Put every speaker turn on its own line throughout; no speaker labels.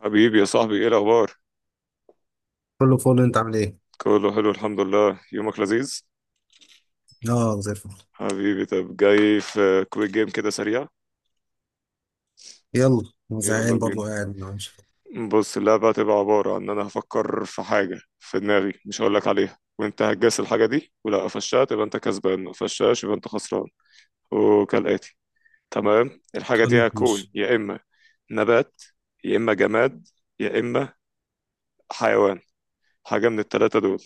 حبيبي يا صاحبي، ايه الاخبار؟
كله فول. انت عامل ايه؟
كله حلو الحمد لله، يومك لذيذ.
اه، زي الفل.
حبيبي، طب جاي في كويك جيم كده سريع؟
يلا انا
يلا
زهقان برضه،
بينا.
قاعد ما عملش حاجة.
بص، اللعبة هتبقى عبارة عن ان انا هفكر في حاجة في دماغي مش هقولك عليها، وانت هتجاس الحاجة دي ولا قفشتها تبقى انت كسبان، ما قفشتهاش يبقى انت خسران، وكالآتي. تمام، الحاجة
خلاص
دي هتكون
ماشي.
يا اما نبات، يا اما جماد، يا اما حيوان. حاجة من التلاتة دول.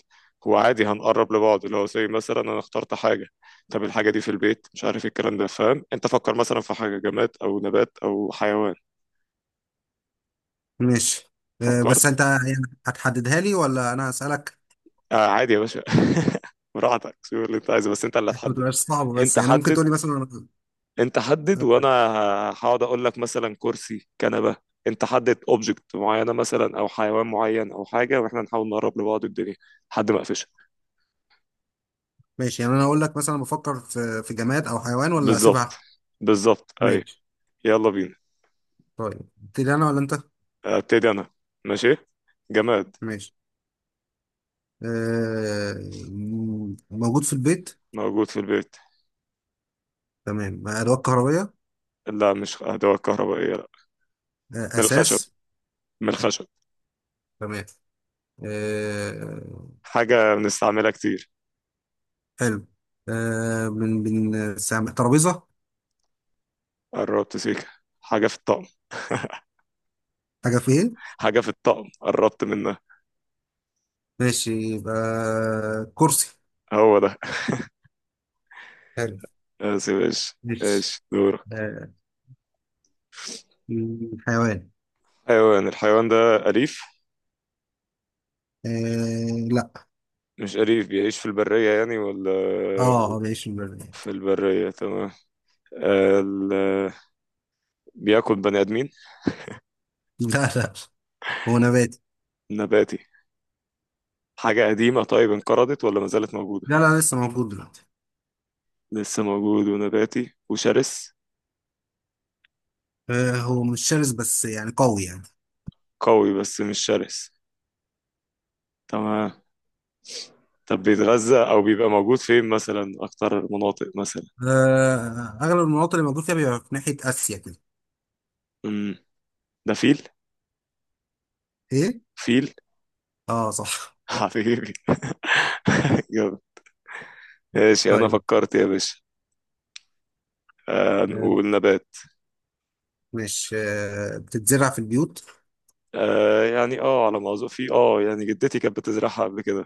هو عادي هنقرب لبعض، اللي هو زي مثلا أنا اخترت حاجة. طب الحاجة دي في البيت، مش عارف ايه الكلام ده، فاهم؟ أنت فكر مثلا في حاجة جماد أو نبات أو حيوان.
ماشي. بس
فكرت؟
انت يعني هتحددها لي ولا انا هسألك؟
آه عادي يا باشا. براحتك، شوف اللي أنت عايزه، بس أنت اللي
عشان ما
هتحدد.
تبقاش صعبة، بس
أنت
يعني ممكن
حدد.
تقول لي مثلا
أنت حدد
آه،
وأنا هقعد أقول لك مثلا كرسي، كنبة. أنت حدد أوبجكت معينة مثلا، أو حيوان معين أو حاجة، وإحنا نحاول نقرب لبعض الدنيا لحد ما أقفشها.
ماشي. يعني انا اقول لك مثلا بفكر في جماد او حيوان ولا
بالظبط.
اسيبها؟
بالظبط، أيوه.
ماشي.
يلا بينا.
طيب تبتدي انا ولا انت؟
ابتدي انا. ماشي. جماد.
ماشي. آه موجود في البيت.
موجود في البيت.
تمام، ادوات كهربية.
لا، مش ادوات كهربائيه، لا.
آه،
من الخشب.
اساس.
من الخشب.
تمام. آه.
حاجه بنستعملها كتير.
حلو. آه، ترابيزة.
قربت سيكه. حاجه في الطقم.
حاجة في ايه؟
حاجه في الطقم، قربت منها.
ماشي، يبقى كرسي.
هو ده.
حلو.
بس ايش.
ماشي.
ايش دورك؟
آه، حيوان.
حيوان. الحيوان ده أليف؟
آه لا.
مش أليف، بيعيش في البرية يعني ولا؟
اه، بيعيش في البرية.
في البرية، تمام. ال... بياكل بني آدمين؟
لا لا، هو نباتي.
نباتي؟ حاجة قديمة طيب، انقرضت ولا ما زالت موجودة؟
لا لا، لسه موجود دلوقتي.
لسه موجود، ونباتي وشرس؟
آه، هو مش شرس بس يعني قوي يعني.
قوي بس مش شرس. تمام. طب بيتغذى او بيبقى موجود فين مثلا؟ اكتر مناطق مثلا؟
آه، اغلب المناطق اللي موجود فيها بيبقى في ناحية اسيا كده.
امم ده فيل.
ايه؟
فيل.
اه صح.
حبيبي. جامد. ماشي، انا
طيب.
فكرت يا باشا. آه،
آه
نقول نبات.
ماشي. آه، بتتزرع في البيوت.
آه، يعني على ما اظن في يعني جدتي كانت بتزرعها قبل كده.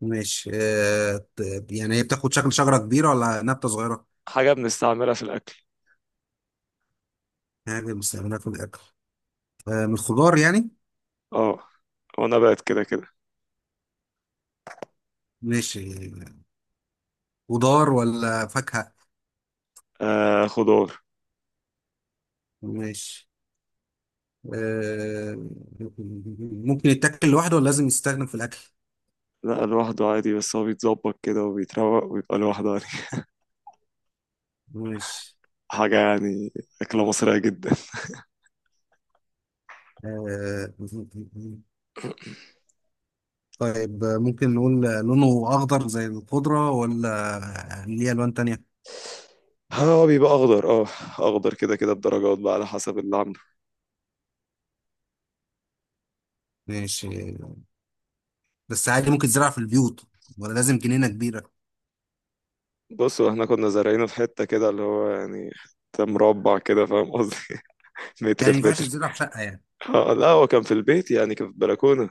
ماشي. يعني هي بتاخد شكل شجرة كبيرة ولا نبتة صغيرة؟
حاجه بنستعملها في الاكل.
يعني بنستخدمها في الأكل. آه، من الخضار يعني.
اه. ونبات كده كده.
ماشي. خضار ولا فاكهة؟
آه، خضار.
ماشي. آه، ممكن يتاكل لوحده ولا لازم يستخدم في الأكل؟
لا، لوحده عادي، بس هو بيتظبط كده وبيتروق ويبقى لوحده يعني.
ماشي.
حاجه يعني، اكله مصريه جدا.
آه، طيب ممكن نقول لونه أخضر زي الخضرة ولا ليه ألوان تانية؟
هو بيبقى اخضر، اه. اخضر كده كده بدرجات بقى، على حسب اللي عامله.
ماشي. بس عادي ممكن تزرع في البيوت ولا لازم جنينة كبيرة؟
بص، هو احنا كنا زارعينه في حته كده اللي هو يعني حته مربع كده، فاهم قصدي؟
يعني
متر
ما
في
ينفعش
متر.
تزرع في شقة يعني.
اه لا، هو كان في البيت يعني، كان في البلكونه.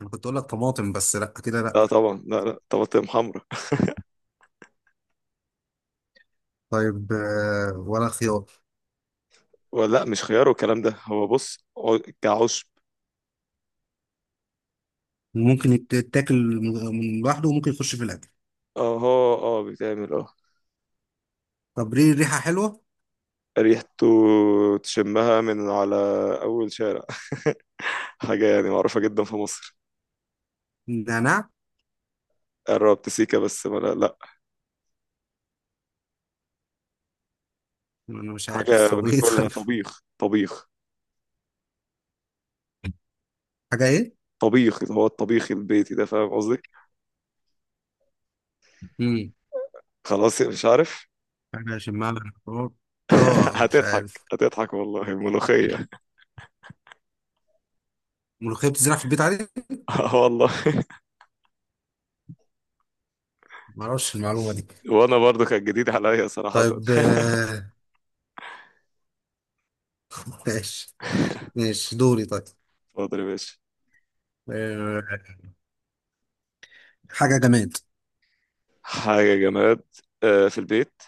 أنا كنت أقول لك طماطم، بس لأ كده لأ.
لا طبعا، لا لا طماطم حمرا.
طيب آه، ولا خيار؟
ولا لا، مش خيار والكلام ده، هو بص، كعشب.
ممكن يتاكل من لوحده وممكن يخش في الأكل؟
اه، اه، اه، بيتعمل اه.
طب ليه ريحة حلوة؟
ريحته تشمها من على اول شارع. حاجه يعني معروفه جدا في مصر.
نعناع.
قربت سيكا بس ما... لا، لا.
انا مش
حاجه
عارف، طب ايه؟
بناكلها،
طيب.
طبيخ طبيخ.
حاجة ايه؟
طبيخ، اللي هو الطبيخ البيتي ده، فاهم قصدي؟
امم.
خلاص يعني، مش عارف.
حاجة شمال الحوار. اه مش
هتضحك
عارف.
هتضحك والله ملوخية.
ملوخية بتزرع في البيت عادي؟
آه والله.
معرفش المعلومة دي.
وانا برضو كانت جديدة عليا صراحة.
طيب آه، ماشي.
اتفضل
ماشي، دوري. طيب
يا باشا.
آه، حاجة جماد.
حاجة جماد. آه، في البيت؟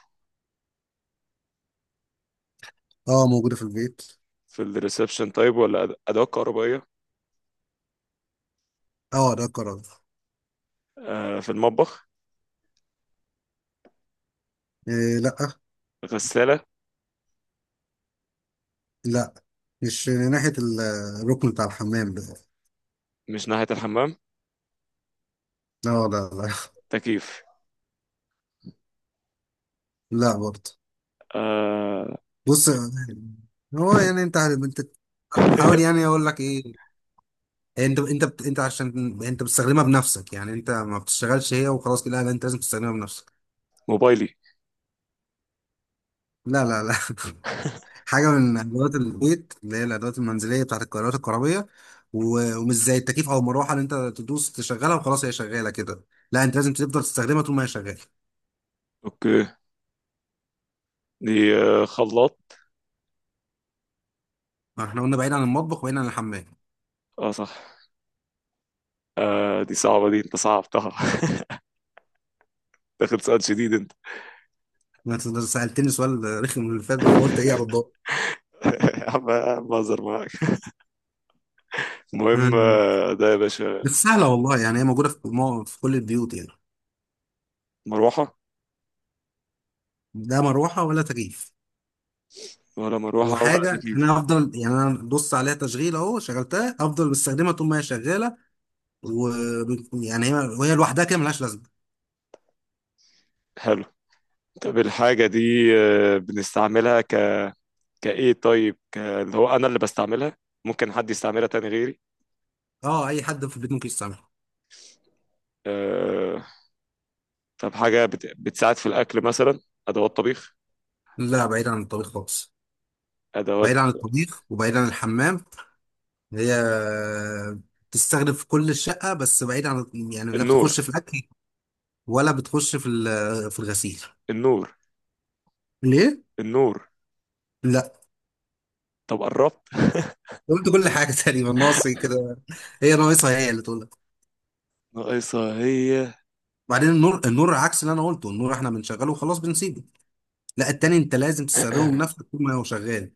اه، موجودة في البيت.
في الريسبشن طيب؟ ولا أدوات كهربائية؟
اه، ده قرار.
آه، في المطبخ؟
آه، لا.
غسالة؟
لا، مش ناحية الركن بتاع الحمام ده.
مش ناحية الحمام؟
آه، لا لا لا.
تكييف؟
لا برضه.
آه،
بص آه، هو يعني انت حاول يعني اقول لك ايه. انت عشان انت بتستخدمها بنفسك، يعني انت ما بتشتغلش هي وخلاص كده، لا انت لازم تستخدمها بنفسك.
موبايلي؟
لا لا لا. حاجه من ادوات البيت اللي هي الادوات المنزليه بتاعت القراءات الكهربيه و... ومش زي التكييف او المروحه اللي انت تدوس تشغلها وخلاص هي شغاله كده، لا انت لازم تفضل تستخدمها طول ما هي شغاله.
اوكي. دي آه، خلاط؟
ما احنا قلنا بعيد عن المطبخ وبعيد عن الحمام.
اه صح. آه، دي صعبة، دي انت صعبتها. داخل سؤال شديد انت.
ما انت سالتني سؤال رخم اللي فات ده، فقلت ايه ارد.
يا عم يا عم، بهزر معاك. المهم آه، ده يا
بس
باشا.
سهله والله، يعني هي موجوده في كل البيوت يعني.
مروحة؟
لا مروحه ولا تكييف.
ولا مروحة ولا
وحاجه
تكييف.
انا هفضل يعني، انا بص عليها تشغيل اهو، شغلتها هفضل بستخدمها طول ما هي شغاله. و يعني هي وهي لوحدها كده ملهاش لازمه.
حلو. طب الحاجة دي آه، بنستعملها ك... كإيه طيب؟ ك... اللي هو أنا اللي بستعملها، ممكن حد يستعملها تاني غيري؟
اه، اي حد في البيت ممكن يستعملها.
آه... طب حاجة بتساعد في الأكل مثلا؟ أدوات طبيخ؟
لا، بعيد عن الطبيخ خالص. بعيد
أدوات.
عن الطبيخ وبعيد عن الحمام. هي تستخدم في كل الشقه، بس بعيد عن يعني، لا
النور؟
بتخش في الاكل ولا بتخش في في الغسيل.
النور.
ليه؟
النور؟
لا.
طب قربت؟
قلت كل حاجه تقريبا، ناقص إيه كده؟ هي ناقصها، هي اللي تقولها.
ناقصة هي.
بعدين النور، النور عكس اللي انا قلته، النور احنا بنشغله وخلاص بنسيبه، لا التاني انت لازم تستخدمه بنفسك طول ما هو شغال.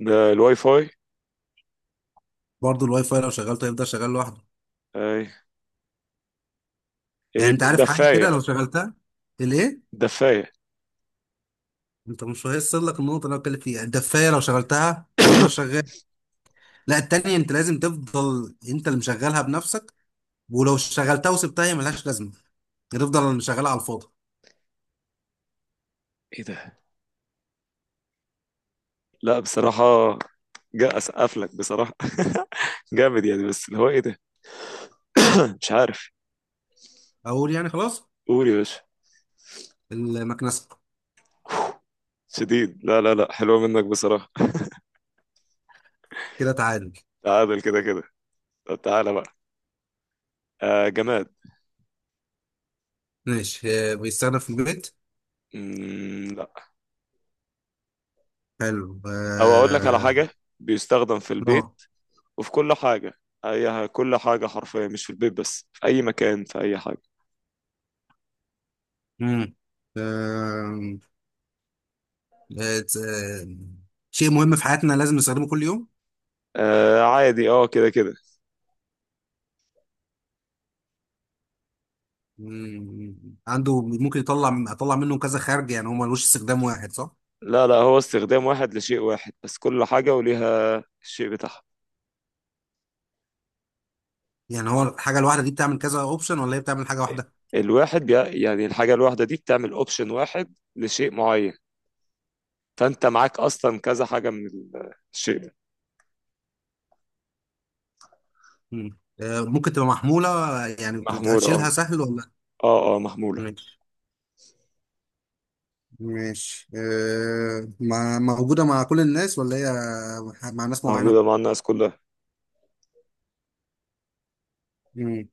ده الواي فاي؟
برضه الواي فاي لو شغلته هيفضل شغال لوحده.
أي.
يعني
ايه،
انت عارف حاجه كده
الدفاية؟
لو شغلتها. الايه؟
الدفاية.
انت مش هيوصل لك النقطه اللي انا بتكلم فيها، الدفايه لو شغلتها هتفضل شغال. لا التانية انت لازم تفضل انت اللي مشغلها بنفسك، ولو شغلتها وسبتها هي ملهاش لازمه، هتفضل مشغلها على الفاضي.
ايه ده؟ لا بصراحة، جا اسقف لك بصراحه. جامد يعني، بس اللي هو ايه ده؟ مش عارف.
اقول يعني؟ خلاص،
قول يا باشا.
المكنسه.
شديد. لا لا لا، حلوه منك بصراحه.
كده تعادل.
تعادل كده كده. طب تعالى بقى. آه، جماد.
ماشي. اه، بيستخدم في البيت.
مم، لا.
حلو.
او اقول لك على
اه
حاجه، بيستخدم في البيت
اه.
وفي كل حاجه، اي كل حاجه حرفيا، مش في البيت بس، في اي مكان في اي حاجه.
مم. بقت، آه، شيء مهم في حياتنا لازم نستخدمه كل يوم.
آه عادي، اه كده كده.
مم، عنده ممكن اطلع منه كذا خارج، يعني هو ملوش استخدام واحد صح؟
لا لا، هو استخدام واحد لشيء واحد بس، كل حاجه وليها الشيء بتاعها.
يعني هو الحاجه الواحده دي بتعمل كذا اوبشن ولا هي بتعمل حاجه واحده؟
الواحد بي... يعني الحاجه الواحده دي بتعمل اوبشن واحد لشيء معين، فانت معاك اصلا كذا حاجه من الشيء ده.
مم. آه، ممكن تبقى محموله، آه، يعني
محموله، اه.
اشيلها سهل ولا؟
اه، اه، محموله.
ماشي. ماشي آه، موجوده مع كل الناس ولا هي مع ناس معينه؟
موجوده مع الناس كلها،
مم.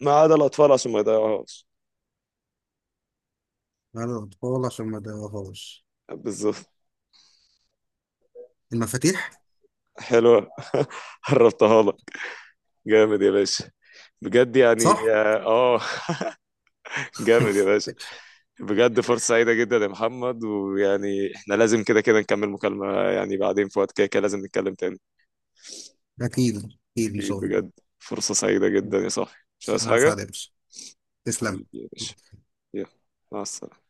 ما عدا الاطفال عشان ما يضيعوهاش.
مع الاطفال عشان ما ادوهاش.
بالظبط.
المفاتيح.
حلوه. قربتها لك. جامد يا باشا، بجد يعني،
صح.
اه. آه، جامد يا باشا. بجد، فرصه سعيده جدا يا محمد، ويعني احنا لازم كده كده نكمل مكالمه يعني بعدين، في وقت كده كده لازم نتكلم تاني.
اكيد اكيد ان
اكيد
شاء الله.
بجد. فرصه سعيده جدا يا صاحبي، مش عايز
انا
حاجه.
سعيد. تسلم.
حبيبي يا باشا. يلا. مع السلامه.